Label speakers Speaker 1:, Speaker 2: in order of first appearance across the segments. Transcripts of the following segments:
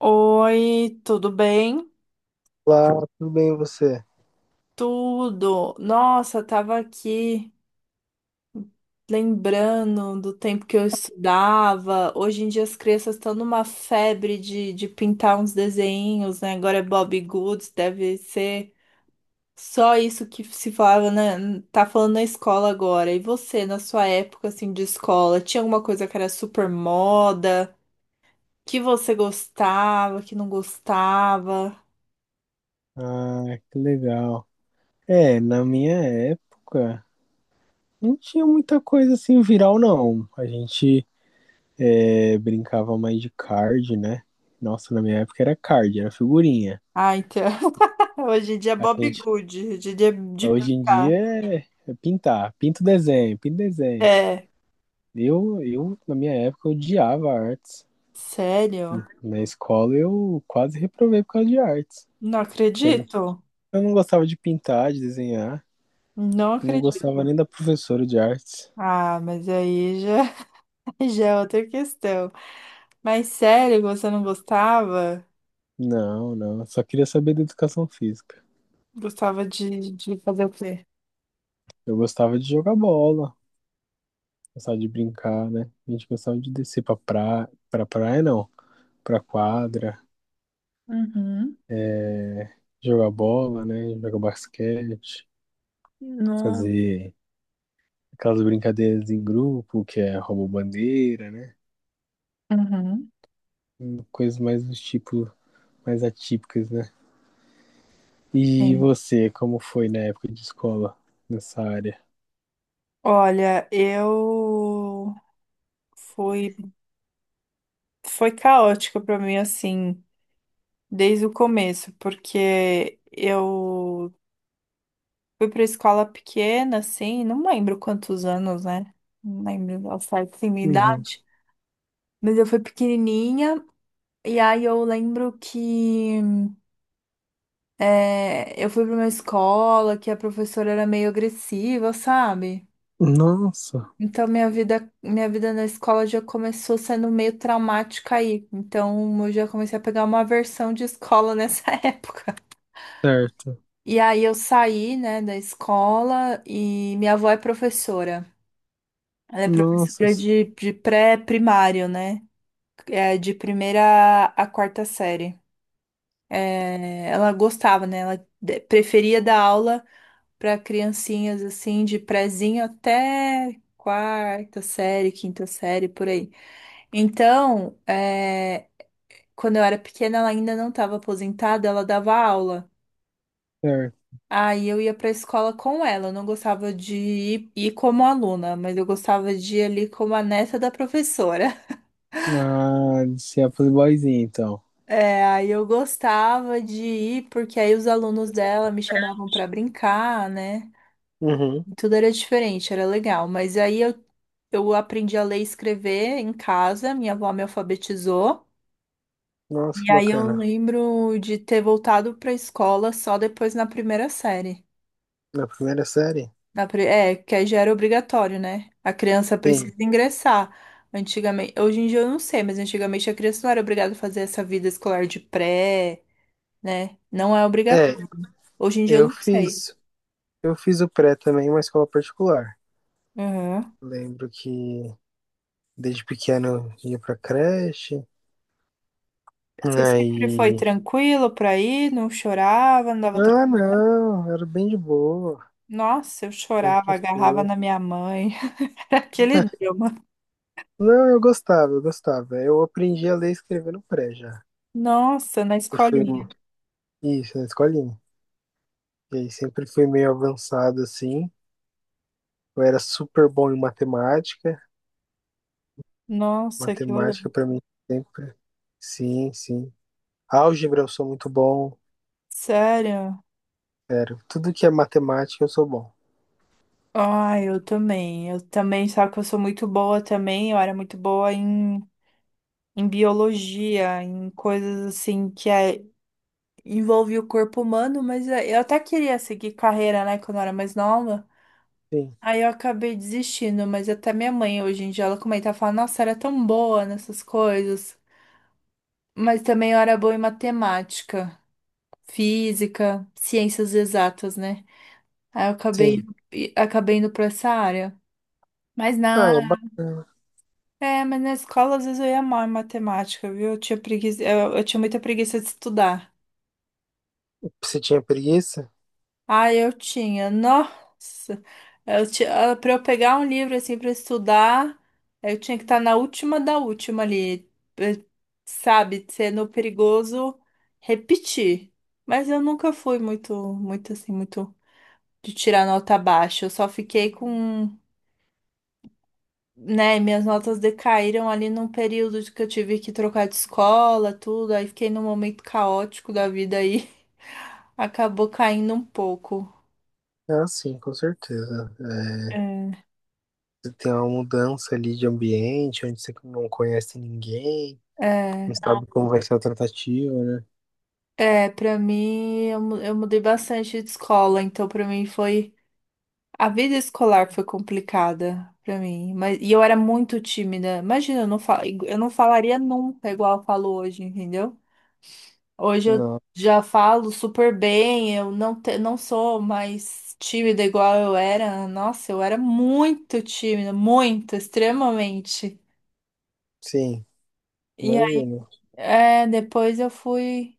Speaker 1: Oi, tudo bem?
Speaker 2: Olá, tudo bem e você?
Speaker 1: Tudo. Nossa, tava aqui lembrando do tempo que eu estudava. Hoje em dia as crianças estão numa febre de pintar uns desenhos, né? Agora é Bob Goods, deve ser só isso que se falava, né? Tá falando na escola agora. E você, na sua época assim de escola, tinha alguma coisa que era super moda, que você gostava, que não gostava?
Speaker 2: Ah, que legal. Na minha época, não tinha muita coisa assim viral, não. A gente brincava mais de card, né? Nossa, na minha época era card, era figurinha.
Speaker 1: Ah, então. Hoje em dia é
Speaker 2: A
Speaker 1: Bob
Speaker 2: gente,
Speaker 1: Good, hoje em dia é de
Speaker 2: hoje em dia
Speaker 1: pintar.
Speaker 2: é, É pintar, pinta o desenho, pinta o desenho.
Speaker 1: É,
Speaker 2: Eu na minha época, odiava artes.
Speaker 1: sério?
Speaker 2: Na escola eu quase reprovei por causa de artes,
Speaker 1: Não
Speaker 2: porque Eu
Speaker 1: acredito.
Speaker 2: eu não gostava de pintar, de desenhar.
Speaker 1: Não
Speaker 2: Não gostava
Speaker 1: acredito.
Speaker 2: nem da professora de artes.
Speaker 1: Ah, mas aí já, já é outra questão. Mas sério, você não gostava?
Speaker 2: Não, não. Eu só queria saber da educação física.
Speaker 1: Gostava de fazer o quê?
Speaker 2: Eu gostava de jogar bola, gostava de brincar, né? A gente gostava de descer pra praia não, pra quadra,
Speaker 1: Uhum.
Speaker 2: é, jogar bola, né? Jogar basquete,
Speaker 1: No...
Speaker 2: fazer aquelas brincadeiras em grupo, que é rouba-bandeira, né?
Speaker 1: Uhum.
Speaker 2: Coisas mais do tipo, mais atípicas, né? E
Speaker 1: Sim.
Speaker 2: você, como foi na época de escola nessa área?
Speaker 1: Olha, fui, foi caótico para mim assim, desde o começo, porque eu fui pra escola pequena, assim, não lembro quantos anos, né? Não lembro ao certo assim, minha
Speaker 2: Uhum.
Speaker 1: idade. Mas eu fui pequenininha, e aí eu lembro que eu fui pra uma escola que a professora era meio agressiva, sabe?
Speaker 2: Nossa,
Speaker 1: Então minha vida na escola já começou sendo meio traumática aí. Então eu já comecei a pegar uma aversão de escola nessa época.
Speaker 2: certo.
Speaker 1: E aí eu saí, né, da escola e minha avó é professora. Ela é professora
Speaker 2: Nossa,
Speaker 1: de pré-primário, né? É, de primeira a quarta série. É, ela gostava, né? Ela preferia dar aula para criancinhas assim, de prézinho até quarta série, quinta série, por aí. Então, quando eu era pequena, ela ainda não estava aposentada, ela dava aula.
Speaker 2: certo.
Speaker 1: Aí eu ia para a escola com ela. Eu não gostava de ir, ir como aluna, mas eu gostava de ir ali como a neta da professora.
Speaker 2: Ah, você é playboyzinho, então.
Speaker 1: É, aí eu gostava de ir, porque aí os alunos dela me chamavam para brincar, né?
Speaker 2: Uhum.
Speaker 1: Tudo era diferente, era legal. Mas eu aprendi a ler e escrever em casa, minha avó me alfabetizou.
Speaker 2: Nossa,
Speaker 1: E
Speaker 2: que
Speaker 1: aí eu
Speaker 2: bacana.
Speaker 1: lembro de ter voltado para a escola só depois na primeira série.
Speaker 2: Na primeira série?
Speaker 1: Que aí já era obrigatório, né? A criança precisa
Speaker 2: Sim.
Speaker 1: ingressar. Antigamente, hoje em dia eu não sei, mas antigamente a criança não era obrigada a fazer essa vida escolar de pré, né? Não é.
Speaker 2: É,
Speaker 1: Hoje em dia eu
Speaker 2: eu
Speaker 1: não sei.
Speaker 2: fiz. Eu fiz o pré também em uma escola particular.
Speaker 1: Uhum.
Speaker 2: Lembro que desde pequeno eu ia pra creche.
Speaker 1: Se sempre foi
Speaker 2: Aí.
Speaker 1: tranquilo pra ir, não chorava, não dava tra...
Speaker 2: Ah, não, era bem de boa.
Speaker 1: Nossa, eu chorava,
Speaker 2: Sempre
Speaker 1: agarrava
Speaker 2: foi.
Speaker 1: na minha mãe. Era aquele drama.
Speaker 2: Não, eu gostava, eu gostava. Eu aprendi a ler e escrever no pré já.
Speaker 1: Nossa, na
Speaker 2: Eu fui.
Speaker 1: escolinha.
Speaker 2: Isso, na escolinha. E aí sempre fui meio avançado assim. Eu era super bom em matemática.
Speaker 1: Nossa, que legal.
Speaker 2: Matemática para mim sempre. Sim, sim. Álgebra eu sou muito bom.
Speaker 1: Sério?
Speaker 2: Sério, tudo que é matemática eu sou bom.
Speaker 1: Ai, eu também. Eu também, só que eu sou muito boa também. Eu era muito boa em, em biologia, em coisas assim que envolve o corpo humano, mas eu até queria seguir carreira, né, quando eu era mais nova.
Speaker 2: Sim,
Speaker 1: Aí eu acabei desistindo, mas até minha mãe hoje em dia ela comenta, ela fala, nossa, era tão boa nessas coisas. Mas também eu era boa em matemática, física, ciências exatas, né? Aí eu acabei,
Speaker 2: sim.
Speaker 1: e- acabei indo pra essa área. Mas
Speaker 2: Ah,
Speaker 1: na,
Speaker 2: é bacana.
Speaker 1: mas na escola às vezes eu ia mal em matemática, viu? Eu tinha preguiça, eu tinha muita preguiça de estudar.
Speaker 2: Você tinha preguiça?
Speaker 1: Ah, eu tinha. Nossa, eu tinha, para eu pegar um livro assim para estudar, eu tinha que estar na última da última ali, eh, sabe, sendo perigoso repetir. Mas eu nunca fui muito assim, muito de tirar nota baixa. Eu só fiquei com, né, minhas notas decaíram ali num período de que eu tive que trocar de escola, tudo. Aí fiquei num momento caótico da vida aí, acabou caindo um pouco.
Speaker 2: Ah, sim, com certeza.
Speaker 1: É.
Speaker 2: Você tem uma mudança ali de ambiente, onde você não conhece ninguém,
Speaker 1: É.
Speaker 2: não. Ah, sabe como vai ser a tratativa, né?
Speaker 1: É, pra mim, eu mudei bastante de escola, então pra mim foi. A vida escolar foi complicada pra mim, mas e eu era muito tímida. Imagina, eu não fal... eu não falaria nunca igual eu falo hoje, entendeu? Hoje eu
Speaker 2: Não,
Speaker 1: já falo super bem, eu não, te... não sou mais tímida igual eu era. Nossa, eu era muito tímida, muito, extremamente.
Speaker 2: sim,
Speaker 1: E aí,
Speaker 2: imagino.
Speaker 1: é, depois eu fui.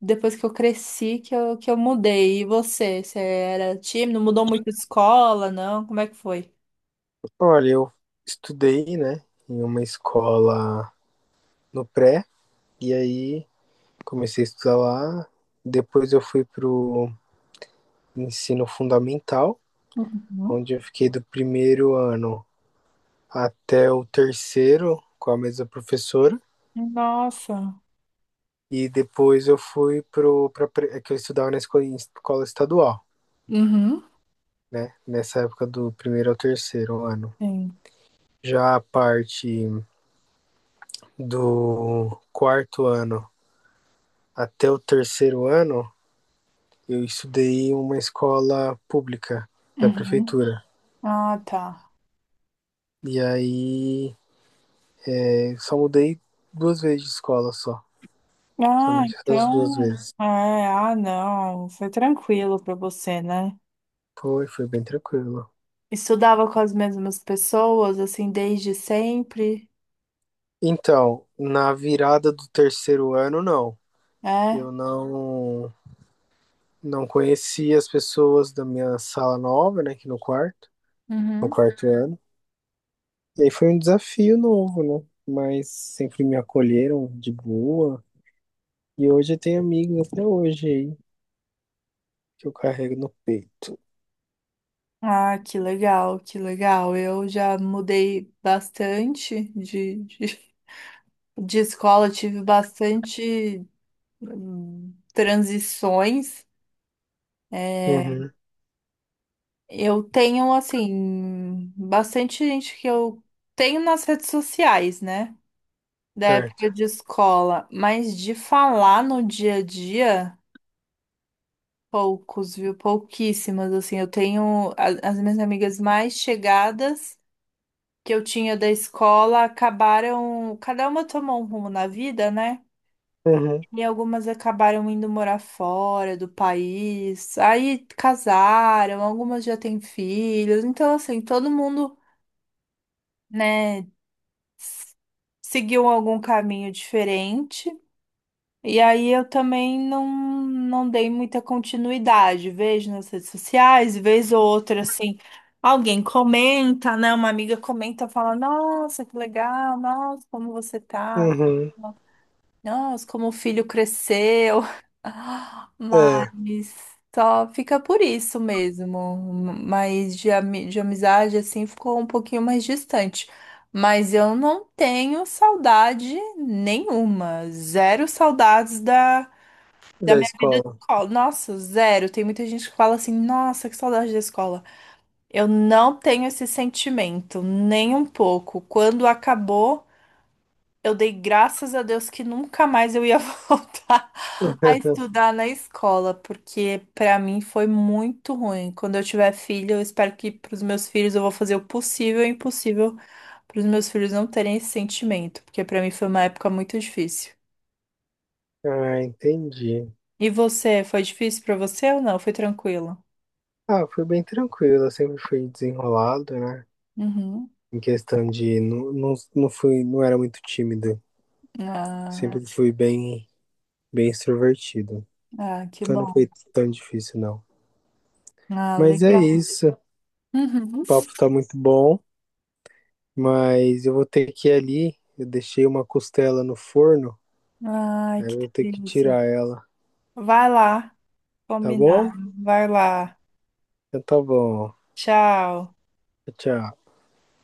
Speaker 1: Depois que eu cresci que eu mudei. E você? Você era tímido? Mudou muito de escola? Não? Como é que foi?
Speaker 2: Olha, eu estudei, né, em uma escola no pré, e aí comecei a estudar lá. Depois eu fui pro ensino fundamental,
Speaker 1: Uhum.
Speaker 2: onde eu fiquei do primeiro ano até o terceiro com a mesma professora.
Speaker 1: Nossa,
Speaker 2: E depois eu fui pro, para que eu estudava na escola, escola estadual,
Speaker 1: uhum,
Speaker 2: né? Nessa época do primeiro ao terceiro ano.
Speaker 1: sim.
Speaker 2: Já a parte do quarto ano até o terceiro ano, eu estudei em uma escola pública da
Speaker 1: Uhum.
Speaker 2: prefeitura.
Speaker 1: Ah, tá.
Speaker 2: E aí eu só mudei duas vezes de escola só.
Speaker 1: Ah,
Speaker 2: Somente essas duas
Speaker 1: então.
Speaker 2: vezes.
Speaker 1: É, ah, não. Foi tranquilo pra você, né?
Speaker 2: Foi, foi bem tranquilo.
Speaker 1: Estudava com as mesmas pessoas, assim, desde sempre.
Speaker 2: Então, na virada do terceiro ano, não.
Speaker 1: É?
Speaker 2: Eu não conheci as pessoas da minha sala nova, né, aqui no quarto, no
Speaker 1: Uhum.
Speaker 2: quarto ano. E aí foi um desafio novo, né? Mas sempre me acolheram de boa. E hoje eu tenho amigos até hoje aí, que eu carrego no peito.
Speaker 1: Ah, que legal, que legal. Eu já mudei bastante de de escola. Eu tive bastante transições. É,
Speaker 2: Uhum,
Speaker 1: eu tenho, assim, bastante gente que eu tenho nas redes sociais, né? Da
Speaker 2: certo.
Speaker 1: época de escola, mas de falar no dia a dia, poucos, viu? Pouquíssimas, assim. Eu tenho as minhas amigas mais chegadas que eu tinha da escola acabaram, cada uma tomou um rumo na vida, né?
Speaker 2: Uhum,
Speaker 1: E algumas acabaram indo morar fora do país, aí casaram, algumas já têm filhos, então assim, todo mundo, né, s- seguiu algum caminho diferente. E aí eu também não, não dei muita continuidade, vejo nas redes sociais, vez ou outra assim, alguém comenta, né, uma amiga comenta, fala, nossa, que legal, nossa, como você tá?
Speaker 2: uhum.
Speaker 1: Nossa, como o filho cresceu.
Speaker 2: É,
Speaker 1: Mas só fica por isso mesmo. Mas de amizade, assim, ficou um pouquinho mais distante. Mas eu não tenho saudade nenhuma. Zero saudades da
Speaker 2: da
Speaker 1: minha vida de
Speaker 2: escola.
Speaker 1: escola. Nossa, zero. Tem muita gente que fala assim, nossa, que saudade da escola. Eu não tenho esse sentimento, nem um pouco. Quando acabou. Eu dei graças a Deus que nunca mais eu ia voltar a estudar na escola, porque pra mim foi muito ruim. Quando eu tiver filho, eu espero que pros meus filhos eu vou fazer o possível e o impossível pros meus filhos não terem esse sentimento, porque pra mim foi uma época muito difícil.
Speaker 2: Ah, entendi.
Speaker 1: E você, foi difícil pra você ou não? Foi tranquilo?
Speaker 2: Ah, foi bem tranquilo, eu sempre fui desenrolado, né?
Speaker 1: Uhum.
Speaker 2: Em questão de não, não, não fui, não era muito tímido.
Speaker 1: Ah,
Speaker 2: Sempre fui bem, bem extrovertido.
Speaker 1: ah, que
Speaker 2: Então não foi
Speaker 1: bom.
Speaker 2: tão difícil, não.
Speaker 1: Ah,
Speaker 2: Mas é
Speaker 1: legal.
Speaker 2: isso.
Speaker 1: Uhum.
Speaker 2: O papo tá muito bom, mas eu vou ter que ir. Eu deixei uma costela no forno,
Speaker 1: Ai,
Speaker 2: aí
Speaker 1: que
Speaker 2: eu vou ter que
Speaker 1: delícia.
Speaker 2: tirar ela,
Speaker 1: Vai lá,
Speaker 2: tá
Speaker 1: combinar.
Speaker 2: bom?
Speaker 1: Vai lá.
Speaker 2: Então tá bom.
Speaker 1: Tchau.
Speaker 2: Tchau.